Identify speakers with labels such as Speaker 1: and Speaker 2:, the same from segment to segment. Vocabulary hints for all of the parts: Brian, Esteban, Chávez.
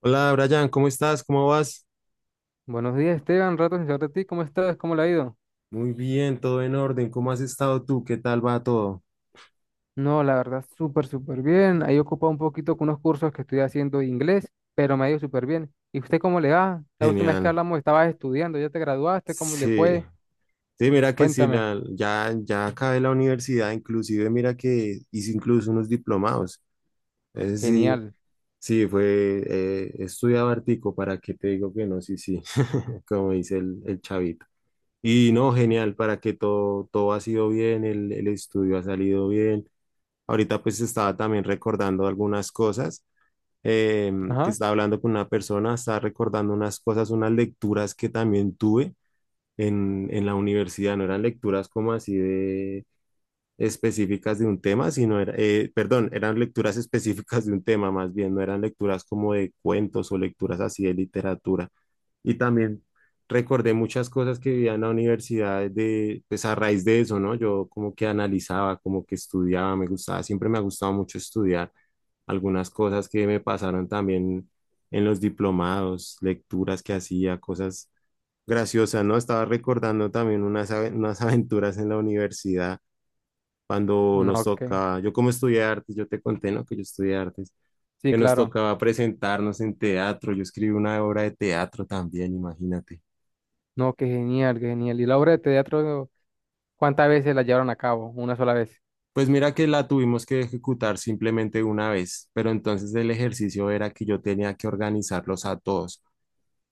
Speaker 1: Hola Brian, ¿cómo estás? ¿Cómo vas?
Speaker 2: Buenos días, Esteban. Rato sin saber de ti. ¿Cómo estás? ¿Cómo le ha ido?
Speaker 1: Muy bien, todo en orden. ¿Cómo has estado tú? ¿Qué tal va todo?
Speaker 2: No, la verdad, súper bien. Ahí ocupado un poquito con unos cursos que estoy haciendo de inglés, pero me ha ido súper bien. ¿Y usted cómo le va? La última vez que
Speaker 1: Genial.
Speaker 2: hablamos estabas estudiando, ya te graduaste, ¿cómo le
Speaker 1: Sí,
Speaker 2: fue?
Speaker 1: sí, mira que sí,
Speaker 2: Cuéntame.
Speaker 1: ya acabé la universidad, inclusive mira que hice incluso unos diplomados. Ese sí,
Speaker 2: Genial.
Speaker 1: sí, estudiaba hartico, ¿para qué te digo que no? Sí, sí, como dice el chavito. Y no, genial, para que todo ha sido bien, el estudio ha salido bien. Ahorita pues estaba también recordando algunas cosas. eh, que
Speaker 2: Ajá.
Speaker 1: estaba hablando con una persona, estaba recordando unas cosas, unas lecturas que también tuve en la universidad. No eran lecturas como así de específicas de un tema, sino perdón, eran lecturas específicas de un tema más bien, no eran lecturas como de cuentos o lecturas así de literatura. Y también recordé muchas cosas que vivía en la universidad de, pues a raíz de eso, ¿no? Yo como que analizaba, como que estudiaba, me gustaba, siempre me ha gustado mucho estudiar algunas cosas que me pasaron también en los diplomados, lecturas que hacía, cosas graciosas, ¿no? Estaba recordando también unas aventuras en la universidad cuando nos
Speaker 2: No, que.
Speaker 1: toca. Yo como estudié artes, yo te conté, ¿no? Que yo estudié artes,
Speaker 2: Sí,
Speaker 1: que nos
Speaker 2: claro.
Speaker 1: tocaba presentarnos en teatro, yo escribí una obra de teatro también, imagínate.
Speaker 2: No, ¡qué genial, qué genial! ¿Y la obra de teatro, cuántas veces la llevaron a cabo? Una sola vez.
Speaker 1: Pues mira que la tuvimos que ejecutar simplemente una vez, pero entonces el ejercicio era que yo tenía que organizarlos a todos.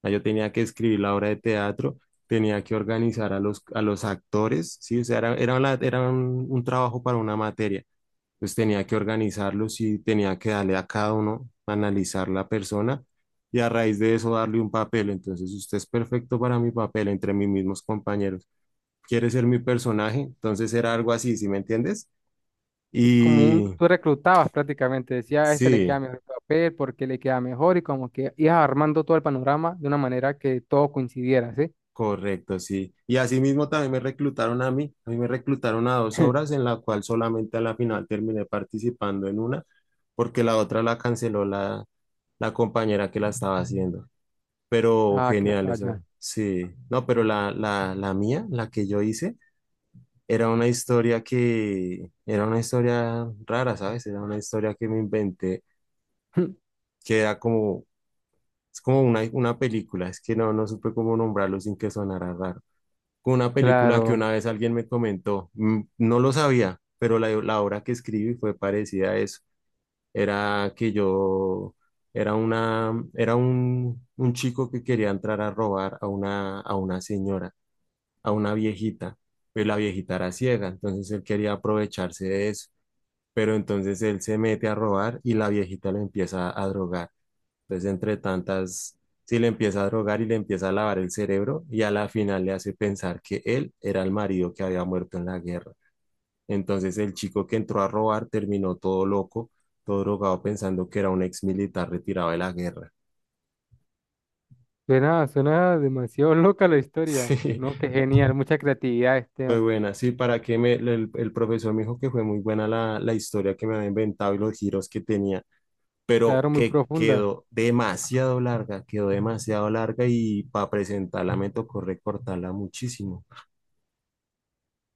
Speaker 1: O sea, yo tenía que escribir la obra de teatro, tenía que organizar a los actores, ¿sí? O sea, era un trabajo para una materia. Entonces tenía que organizarlos y tenía que darle a cada uno, analizar la persona y a raíz de eso darle un papel. Entonces usted es perfecto para mi papel entre mis mismos compañeros. Quiere ser mi personaje, entonces era algo así, ¿sí me entiendes?
Speaker 2: Como un,
Speaker 1: Y
Speaker 2: tú reclutabas prácticamente, decía, a este le queda
Speaker 1: sí,
Speaker 2: mejor el papel, porque le queda mejor, y como que ibas armando todo el panorama de una manera que todo coincidiera, ¿sí?
Speaker 1: correcto, sí. Y así mismo también me reclutaron a mí. A mí me reclutaron a dos obras en la cual solamente a la final terminé participando en una porque la otra la canceló la compañera que la estaba haciendo. Pero
Speaker 2: Ah, que
Speaker 1: genial
Speaker 2: vaya.
Speaker 1: esa, sí. No, pero la mía, la que yo hice, era una historia que, era una historia rara, ¿sabes? Era una historia que me inventé, que era como, es como una película. Es que no supe cómo nombrarlo sin que sonara raro. Como una película que
Speaker 2: Claro,
Speaker 1: una vez alguien me comentó, mm, no lo sabía, pero la obra que escribí fue parecida a eso. Era que yo, era un chico que quería entrar a robar a una señora, a una viejita, pero la viejita era ciega, entonces él quería aprovecharse de eso, pero entonces él se mete a robar y la viejita lo empieza a drogar. Entonces, entre tantas, sí le empieza a drogar y le empieza a lavar el cerebro y a la final le hace pensar que él era el marido que había muerto en la guerra. Entonces, el chico que entró a robar terminó todo loco, todo drogado pensando que era un ex militar retirado de la guerra.
Speaker 2: suena, suena demasiado loca la historia,
Speaker 1: Sí.
Speaker 2: ¿no? Qué genial, mucha creatividad,
Speaker 1: Fue
Speaker 2: Esteban.
Speaker 1: buena, sí, para que me, el profesor me dijo que fue muy buena la historia que me había inventado y los giros que tenía, pero
Speaker 2: Claro, muy
Speaker 1: que
Speaker 2: profunda.
Speaker 1: quedó demasiado larga y para presentarla me tocó recortarla muchísimo.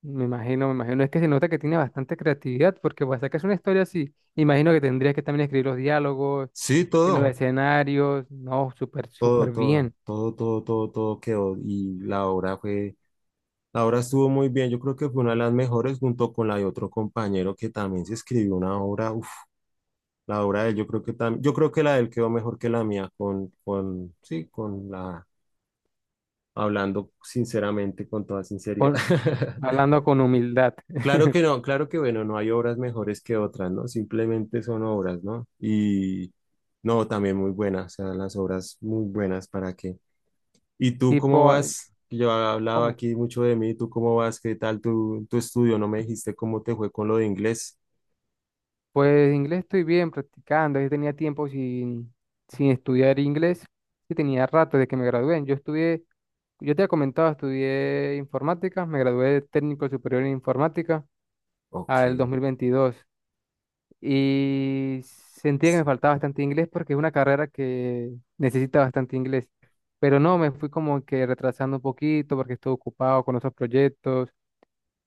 Speaker 2: Me imagino, me imagino. Es que se nota que tiene bastante creatividad, porque para sacar una historia así, imagino que tendrías que también escribir los diálogos,
Speaker 1: Sí,
Speaker 2: los
Speaker 1: todo,
Speaker 2: escenarios, no, súper,
Speaker 1: todo,
Speaker 2: súper
Speaker 1: todo,
Speaker 2: bien.
Speaker 1: todo, todo, todo, todo quedó y la obra estuvo muy bien. Yo creo que fue una de las mejores junto con la de otro compañero que también se escribió una obra, uf, la obra de él, yo creo que la de él quedó mejor que la mía sí, con la, hablando sinceramente, con toda sinceridad.
Speaker 2: Con hablando con humildad.
Speaker 1: Claro que no, claro que bueno, no hay obras mejores que otras, ¿no? Simplemente son obras, ¿no? Y no, también muy buenas, o sea, las obras muy buenas, ¿para qué? ¿Y tú cómo
Speaker 2: Tipo, eh,
Speaker 1: vas? Yo he hablado
Speaker 2: ¿Cómo?
Speaker 1: aquí mucho de mí, ¿tú cómo vas? ¿Qué tal tu estudio? ¿No me dijiste cómo te fue con lo de inglés?
Speaker 2: Pues inglés estoy bien practicando. Yo tenía tiempo sin estudiar inglés. Sí, tenía rato desde que me gradué. Yo te he comentado, estudié informática. Me gradué de técnico superior en informática
Speaker 1: Ok,
Speaker 2: al 2022. Y sentía que me faltaba bastante inglés porque es una carrera que necesita bastante inglés. Pero no, me fui como que retrasando un poquito porque estuve ocupado con otros proyectos.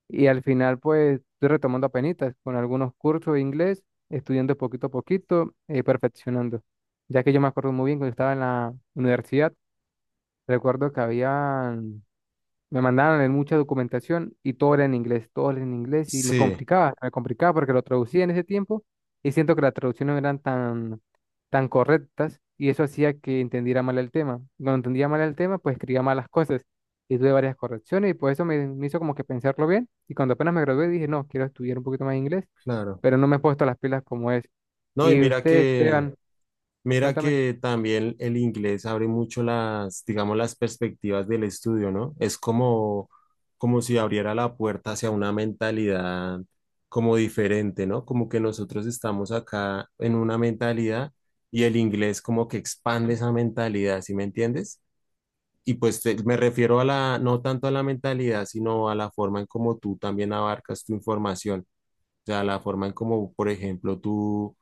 Speaker 2: Y al final, pues, estoy retomando apenitas con algunos cursos de inglés, estudiando poquito a poquito, perfeccionando. Ya que yo me acuerdo muy bien cuando estaba en la universidad, recuerdo que había me mandaron en mucha documentación y todo era en inglés, todo era en inglés y
Speaker 1: sí,
Speaker 2: me complicaba porque lo traducía en ese tiempo y siento que las traducciones no eran tan correctas y eso hacía que entendiera mal el tema. Cuando entendía mal el tema, pues escribía malas cosas y tuve varias correcciones y por eso me hizo como que pensarlo bien y cuando apenas me gradué dije, no, quiero estudiar un poquito más inglés,
Speaker 1: claro.
Speaker 2: pero no me he puesto las pilas como es.
Speaker 1: No, y
Speaker 2: Y
Speaker 1: mira
Speaker 2: usted,
Speaker 1: que,
Speaker 2: Esteban,
Speaker 1: mira
Speaker 2: cuéntame,
Speaker 1: que también el inglés abre mucho las, digamos, las perspectivas del estudio, ¿no? Es como, como si abriera la puerta hacia una mentalidad como diferente, ¿no? Como que nosotros estamos acá en una mentalidad y el inglés como que expande esa mentalidad, ¿sí me entiendes? Y pues me refiero a la, no tanto a la mentalidad, sino a la forma en cómo tú también abarcas tu información, o sea, la forma en cómo, por ejemplo, tú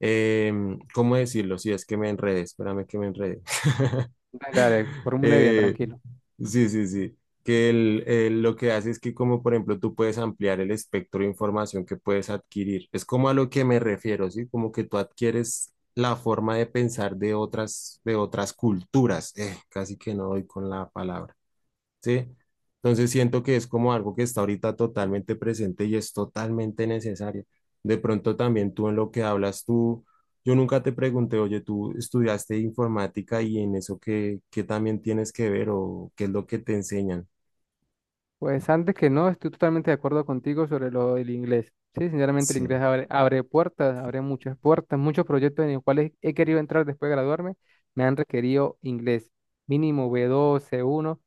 Speaker 1: ¿cómo decirlo? Si es que me enredé, espérame que me enredé.
Speaker 2: dale, formule bien,
Speaker 1: Eh,
Speaker 2: tranquilo.
Speaker 1: sí, sí, sí. Que lo que hace es que, como por ejemplo, tú puedes ampliar el espectro de información que puedes adquirir. Es como a lo que me refiero, ¿sí? Como que tú adquieres la forma de pensar de otras culturas. Casi que no doy con la palabra. ¿Sí? Entonces siento que es como algo que está ahorita totalmente presente y es totalmente necesario. De pronto también tú en lo que hablas, tú, yo nunca te pregunté, oye, tú estudiaste informática y en eso qué, qué también tienes que ver o qué es lo que te enseñan.
Speaker 2: Pues antes que no, estoy totalmente de acuerdo contigo sobre lo del inglés. Sí, sinceramente el inglés
Speaker 1: Sí,
Speaker 2: abre, abre puertas, abre muchas puertas, muchos proyectos en los cuales he querido entrar después de graduarme, me han requerido inglés, mínimo B2, C1,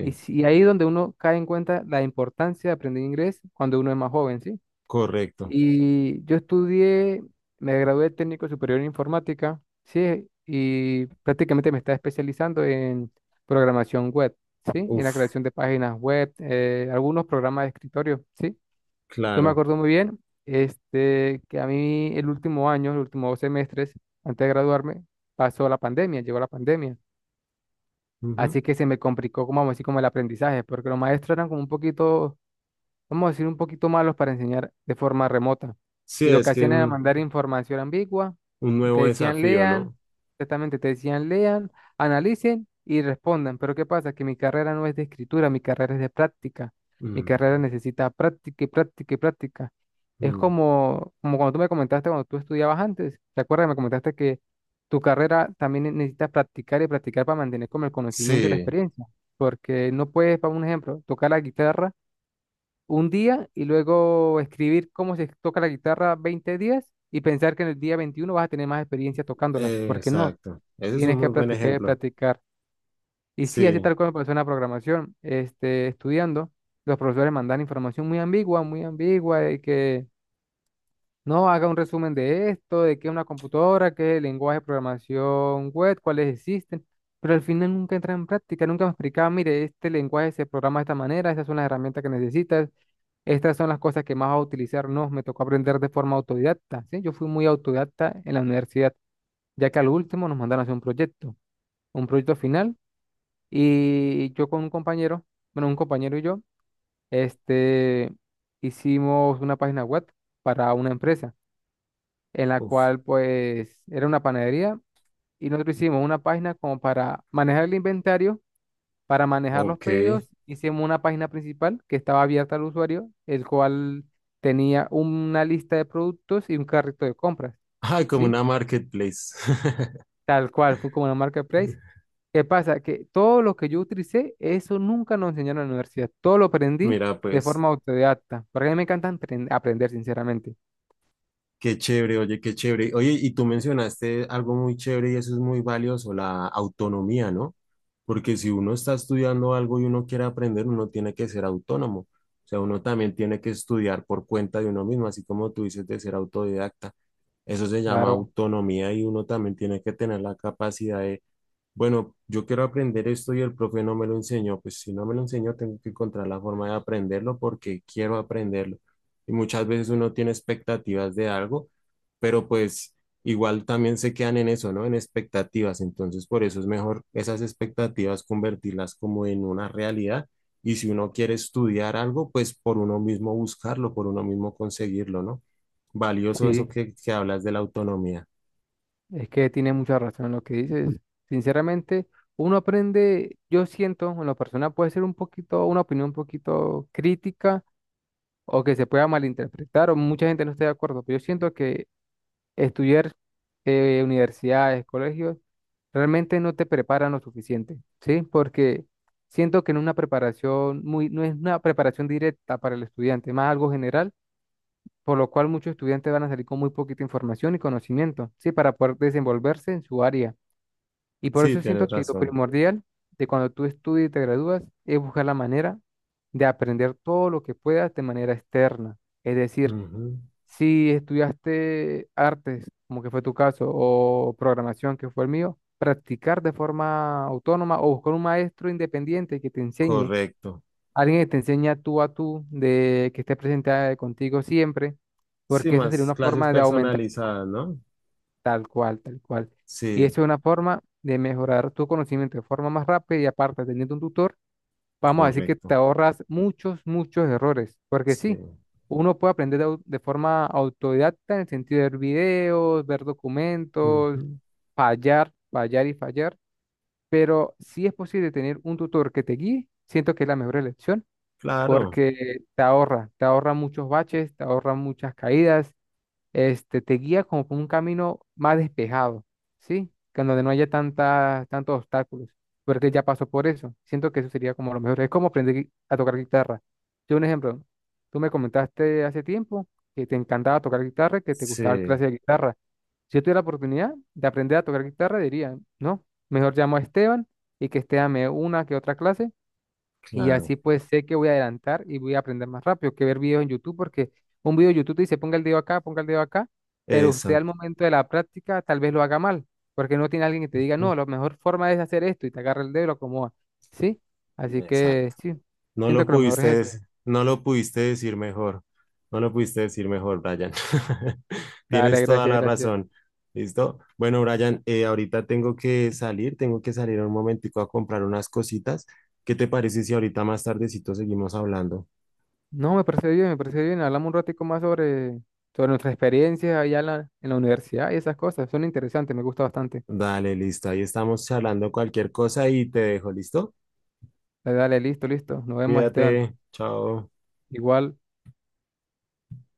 Speaker 2: y, si- y ahí es donde uno cae en cuenta la importancia de aprender inglés cuando uno es más joven, ¿sí?
Speaker 1: correcto.
Speaker 2: Y yo estudié, me gradué de técnico superior en informática, sí, y prácticamente me estaba especializando en programación web, sí, en la
Speaker 1: Uf,
Speaker 2: creación de páginas web, algunos programas de escritorio, sí. Yo me
Speaker 1: claro.
Speaker 2: acuerdo muy bien, que a mí el último año, los últimos dos semestres, antes de graduarme, pasó la pandemia, llegó la pandemia.
Speaker 1: Ujú.
Speaker 2: Así que se me complicó, como vamos a decir, como el aprendizaje, porque los maestros eran como un poquito, vamos a decir, un poquito malos para enseñar de forma remota.
Speaker 1: Sí,
Speaker 2: Y lo que
Speaker 1: es que es
Speaker 2: hacían era mandar información ambigua,
Speaker 1: un
Speaker 2: te
Speaker 1: nuevo
Speaker 2: decían
Speaker 1: desafío,
Speaker 2: lean,
Speaker 1: ¿no?
Speaker 2: exactamente, te decían lean, analicen y respondan. Pero ¿qué pasa? Que mi carrera no es de escritura, mi carrera es de práctica. Mi carrera
Speaker 1: Mm,
Speaker 2: necesita práctica y práctica y práctica. Es
Speaker 1: mm.
Speaker 2: como, como cuando tú me comentaste cuando tú estudiabas antes, ¿te acuerdas? Me comentaste que tu carrera también necesita practicar y practicar para mantener como el conocimiento y la
Speaker 1: Sí,
Speaker 2: experiencia. Porque no puedes, para un ejemplo, tocar la guitarra un día y luego escribir cómo se toca la guitarra 20 días y pensar que en el día 21 vas a tener más experiencia tocándola, porque no,
Speaker 1: exacto. Ese es un
Speaker 2: tienes que
Speaker 1: muy buen
Speaker 2: practicar y
Speaker 1: ejemplo.
Speaker 2: practicar. Y sí, así
Speaker 1: Sí,
Speaker 2: tal cual me pasó en la programación, estudiando, los profesores mandan información muy ambigua, de que no haga un resumen de esto, de qué es una computadora, qué es el lenguaje de programación web, cuáles existen. Pero al final nunca entra en práctica, nunca me explicaba, mire, este lenguaje se programa de esta manera, esas son las herramientas que necesitas, estas son las cosas que más va a utilizar, no, me tocó aprender de forma autodidacta, ¿sí? Yo fui muy autodidacta en la universidad, ya que al último nos mandaron a hacer un proyecto final, y yo con un compañero, bueno, un compañero y yo, este, hicimos una página web para una empresa, en la
Speaker 1: uf,
Speaker 2: cual, pues, era una panadería, y nosotros hicimos una página como para manejar el inventario. Para manejar los
Speaker 1: ok.
Speaker 2: pedidos, hicimos una página principal que estaba abierta al usuario, el cual tenía una lista de productos y un carrito de compras,
Speaker 1: Ah, como
Speaker 2: ¿sí?
Speaker 1: una marketplace.
Speaker 2: Tal cual, fue como una marketplace. ¿Qué pasa? Que todo lo que yo utilicé, eso nunca nos enseñaron en la universidad. Todo lo aprendí
Speaker 1: Mira,
Speaker 2: de
Speaker 1: pues,
Speaker 2: forma autodidacta, porque a mí me encanta aprender, sinceramente.
Speaker 1: qué chévere. Oye, y tú mencionaste algo muy chévere y eso es muy valioso, la autonomía, ¿no? Porque si uno está estudiando algo y uno quiere aprender, uno tiene que ser autónomo. O sea, uno también tiene que estudiar por cuenta de uno mismo, así como tú dices de ser autodidacta. Eso se llama
Speaker 2: Claro,
Speaker 1: autonomía y uno también tiene que tener la capacidad de, bueno, yo quiero aprender esto y el profe no me lo enseñó. Pues si no me lo enseñó, tengo que encontrar la forma de aprenderlo porque quiero aprenderlo. Y muchas veces uno tiene expectativas de algo, pero pues igual también se quedan en eso, ¿no? En expectativas. Entonces, por eso es mejor esas expectativas convertirlas como en una realidad. Y si uno quiere estudiar algo, pues por uno mismo buscarlo, por uno mismo conseguirlo, ¿no? Valioso eso
Speaker 2: sí,
Speaker 1: que hablas de la autonomía.
Speaker 2: es que tiene mucha razón en lo que dices. Sinceramente, uno aprende, yo siento, en lo personal puede ser un poquito, una opinión un poquito crítica o que se pueda malinterpretar o mucha gente no esté de acuerdo, pero yo siento que estudiar, universidades, colegios, realmente no te preparan lo suficiente, ¿sí? Porque siento que no es una preparación muy, no es una preparación directa para el estudiante, más algo general, por lo cual muchos estudiantes van a salir con muy poquita información y conocimiento, ¿sí? Para poder desenvolverse en su área. Y por
Speaker 1: Sí,
Speaker 2: eso siento
Speaker 1: tienes
Speaker 2: que lo
Speaker 1: razón.
Speaker 2: primordial de cuando tú estudias y te gradúas es buscar la manera de aprender todo lo que puedas de manera externa. Es decir,
Speaker 1: Ujú.
Speaker 2: si estudiaste artes, como que fue tu caso, o programación, que fue el mío, practicar de forma autónoma o buscar un maestro independiente que te enseñe,
Speaker 1: Correcto.
Speaker 2: alguien que te enseñe tú a tú, de que esté presente contigo siempre,
Speaker 1: Sí,
Speaker 2: porque eso sería
Speaker 1: más
Speaker 2: una
Speaker 1: clases
Speaker 2: forma de aumentar.
Speaker 1: personalizadas, ¿no?
Speaker 2: Tal cual, tal cual. Y
Speaker 1: Sí,
Speaker 2: eso es una forma de mejorar tu conocimiento de forma más rápida y aparte teniendo un tutor, vamos a decir que te
Speaker 1: correcto.
Speaker 2: ahorras muchos errores, porque sí,
Speaker 1: Sí.
Speaker 2: uno puede aprender de forma autodidacta en el sentido de ver videos, ver documentos,
Speaker 1: Ujú.
Speaker 2: fallar, fallar y fallar, pero si es posible tener un tutor que te guíe, siento que es la mejor elección,
Speaker 1: Claro,
Speaker 2: porque te ahorra muchos baches, te ahorra muchas caídas, te guía como por un camino más despejado, ¿sí? Que en donde no haya tanta, tantos obstáculos, porque él ya pasó por eso. Siento que eso sería como lo mejor. Es como aprender a tocar guitarra. Yo, un ejemplo, tú me comentaste hace tiempo que te encantaba tocar guitarra, que te gustaba dar
Speaker 1: sí,
Speaker 2: clases de guitarra. Si yo tuviera la oportunidad de aprender a tocar guitarra, diría, no, mejor llamo a Esteban y que Esteban me dé una que otra clase y
Speaker 1: claro.
Speaker 2: así pues sé que voy a adelantar y voy a aprender más rápido que ver videos en YouTube, porque un video de YouTube te dice ponga el dedo acá, ponga el dedo acá, pero usted al
Speaker 1: Exacto.
Speaker 2: momento de la práctica tal vez lo haga mal, porque no tiene alguien que te diga,
Speaker 1: Ujú.
Speaker 2: no, la mejor forma es hacer esto y te agarra el dedo y lo acomoda. ¿Sí? Así que
Speaker 1: Exacto.
Speaker 2: sí, siento que lo mejor es eso.
Speaker 1: No lo pudiste decir mejor. No lo pudiste decir mejor, Brian.
Speaker 2: Dale,
Speaker 1: Tienes toda
Speaker 2: gracias,
Speaker 1: la
Speaker 2: gracias.
Speaker 1: razón. ¿Listo? Bueno, Brian, ahorita tengo que salir un momentico a comprar unas cositas. ¿Qué te parece si ahorita más tardecito seguimos hablando?
Speaker 2: No, me parece bien, me parece bien. Hablamos un ratico más sobre, sobre nuestras experiencias allá en en la universidad y esas cosas. Son interesantes, me gusta bastante.
Speaker 1: Dale, listo. Ahí estamos charlando cualquier cosa y te dejo, ¿listo?
Speaker 2: Dale, listo. Nos vemos, Esteban.
Speaker 1: Cuídate. Chao.
Speaker 2: Igual.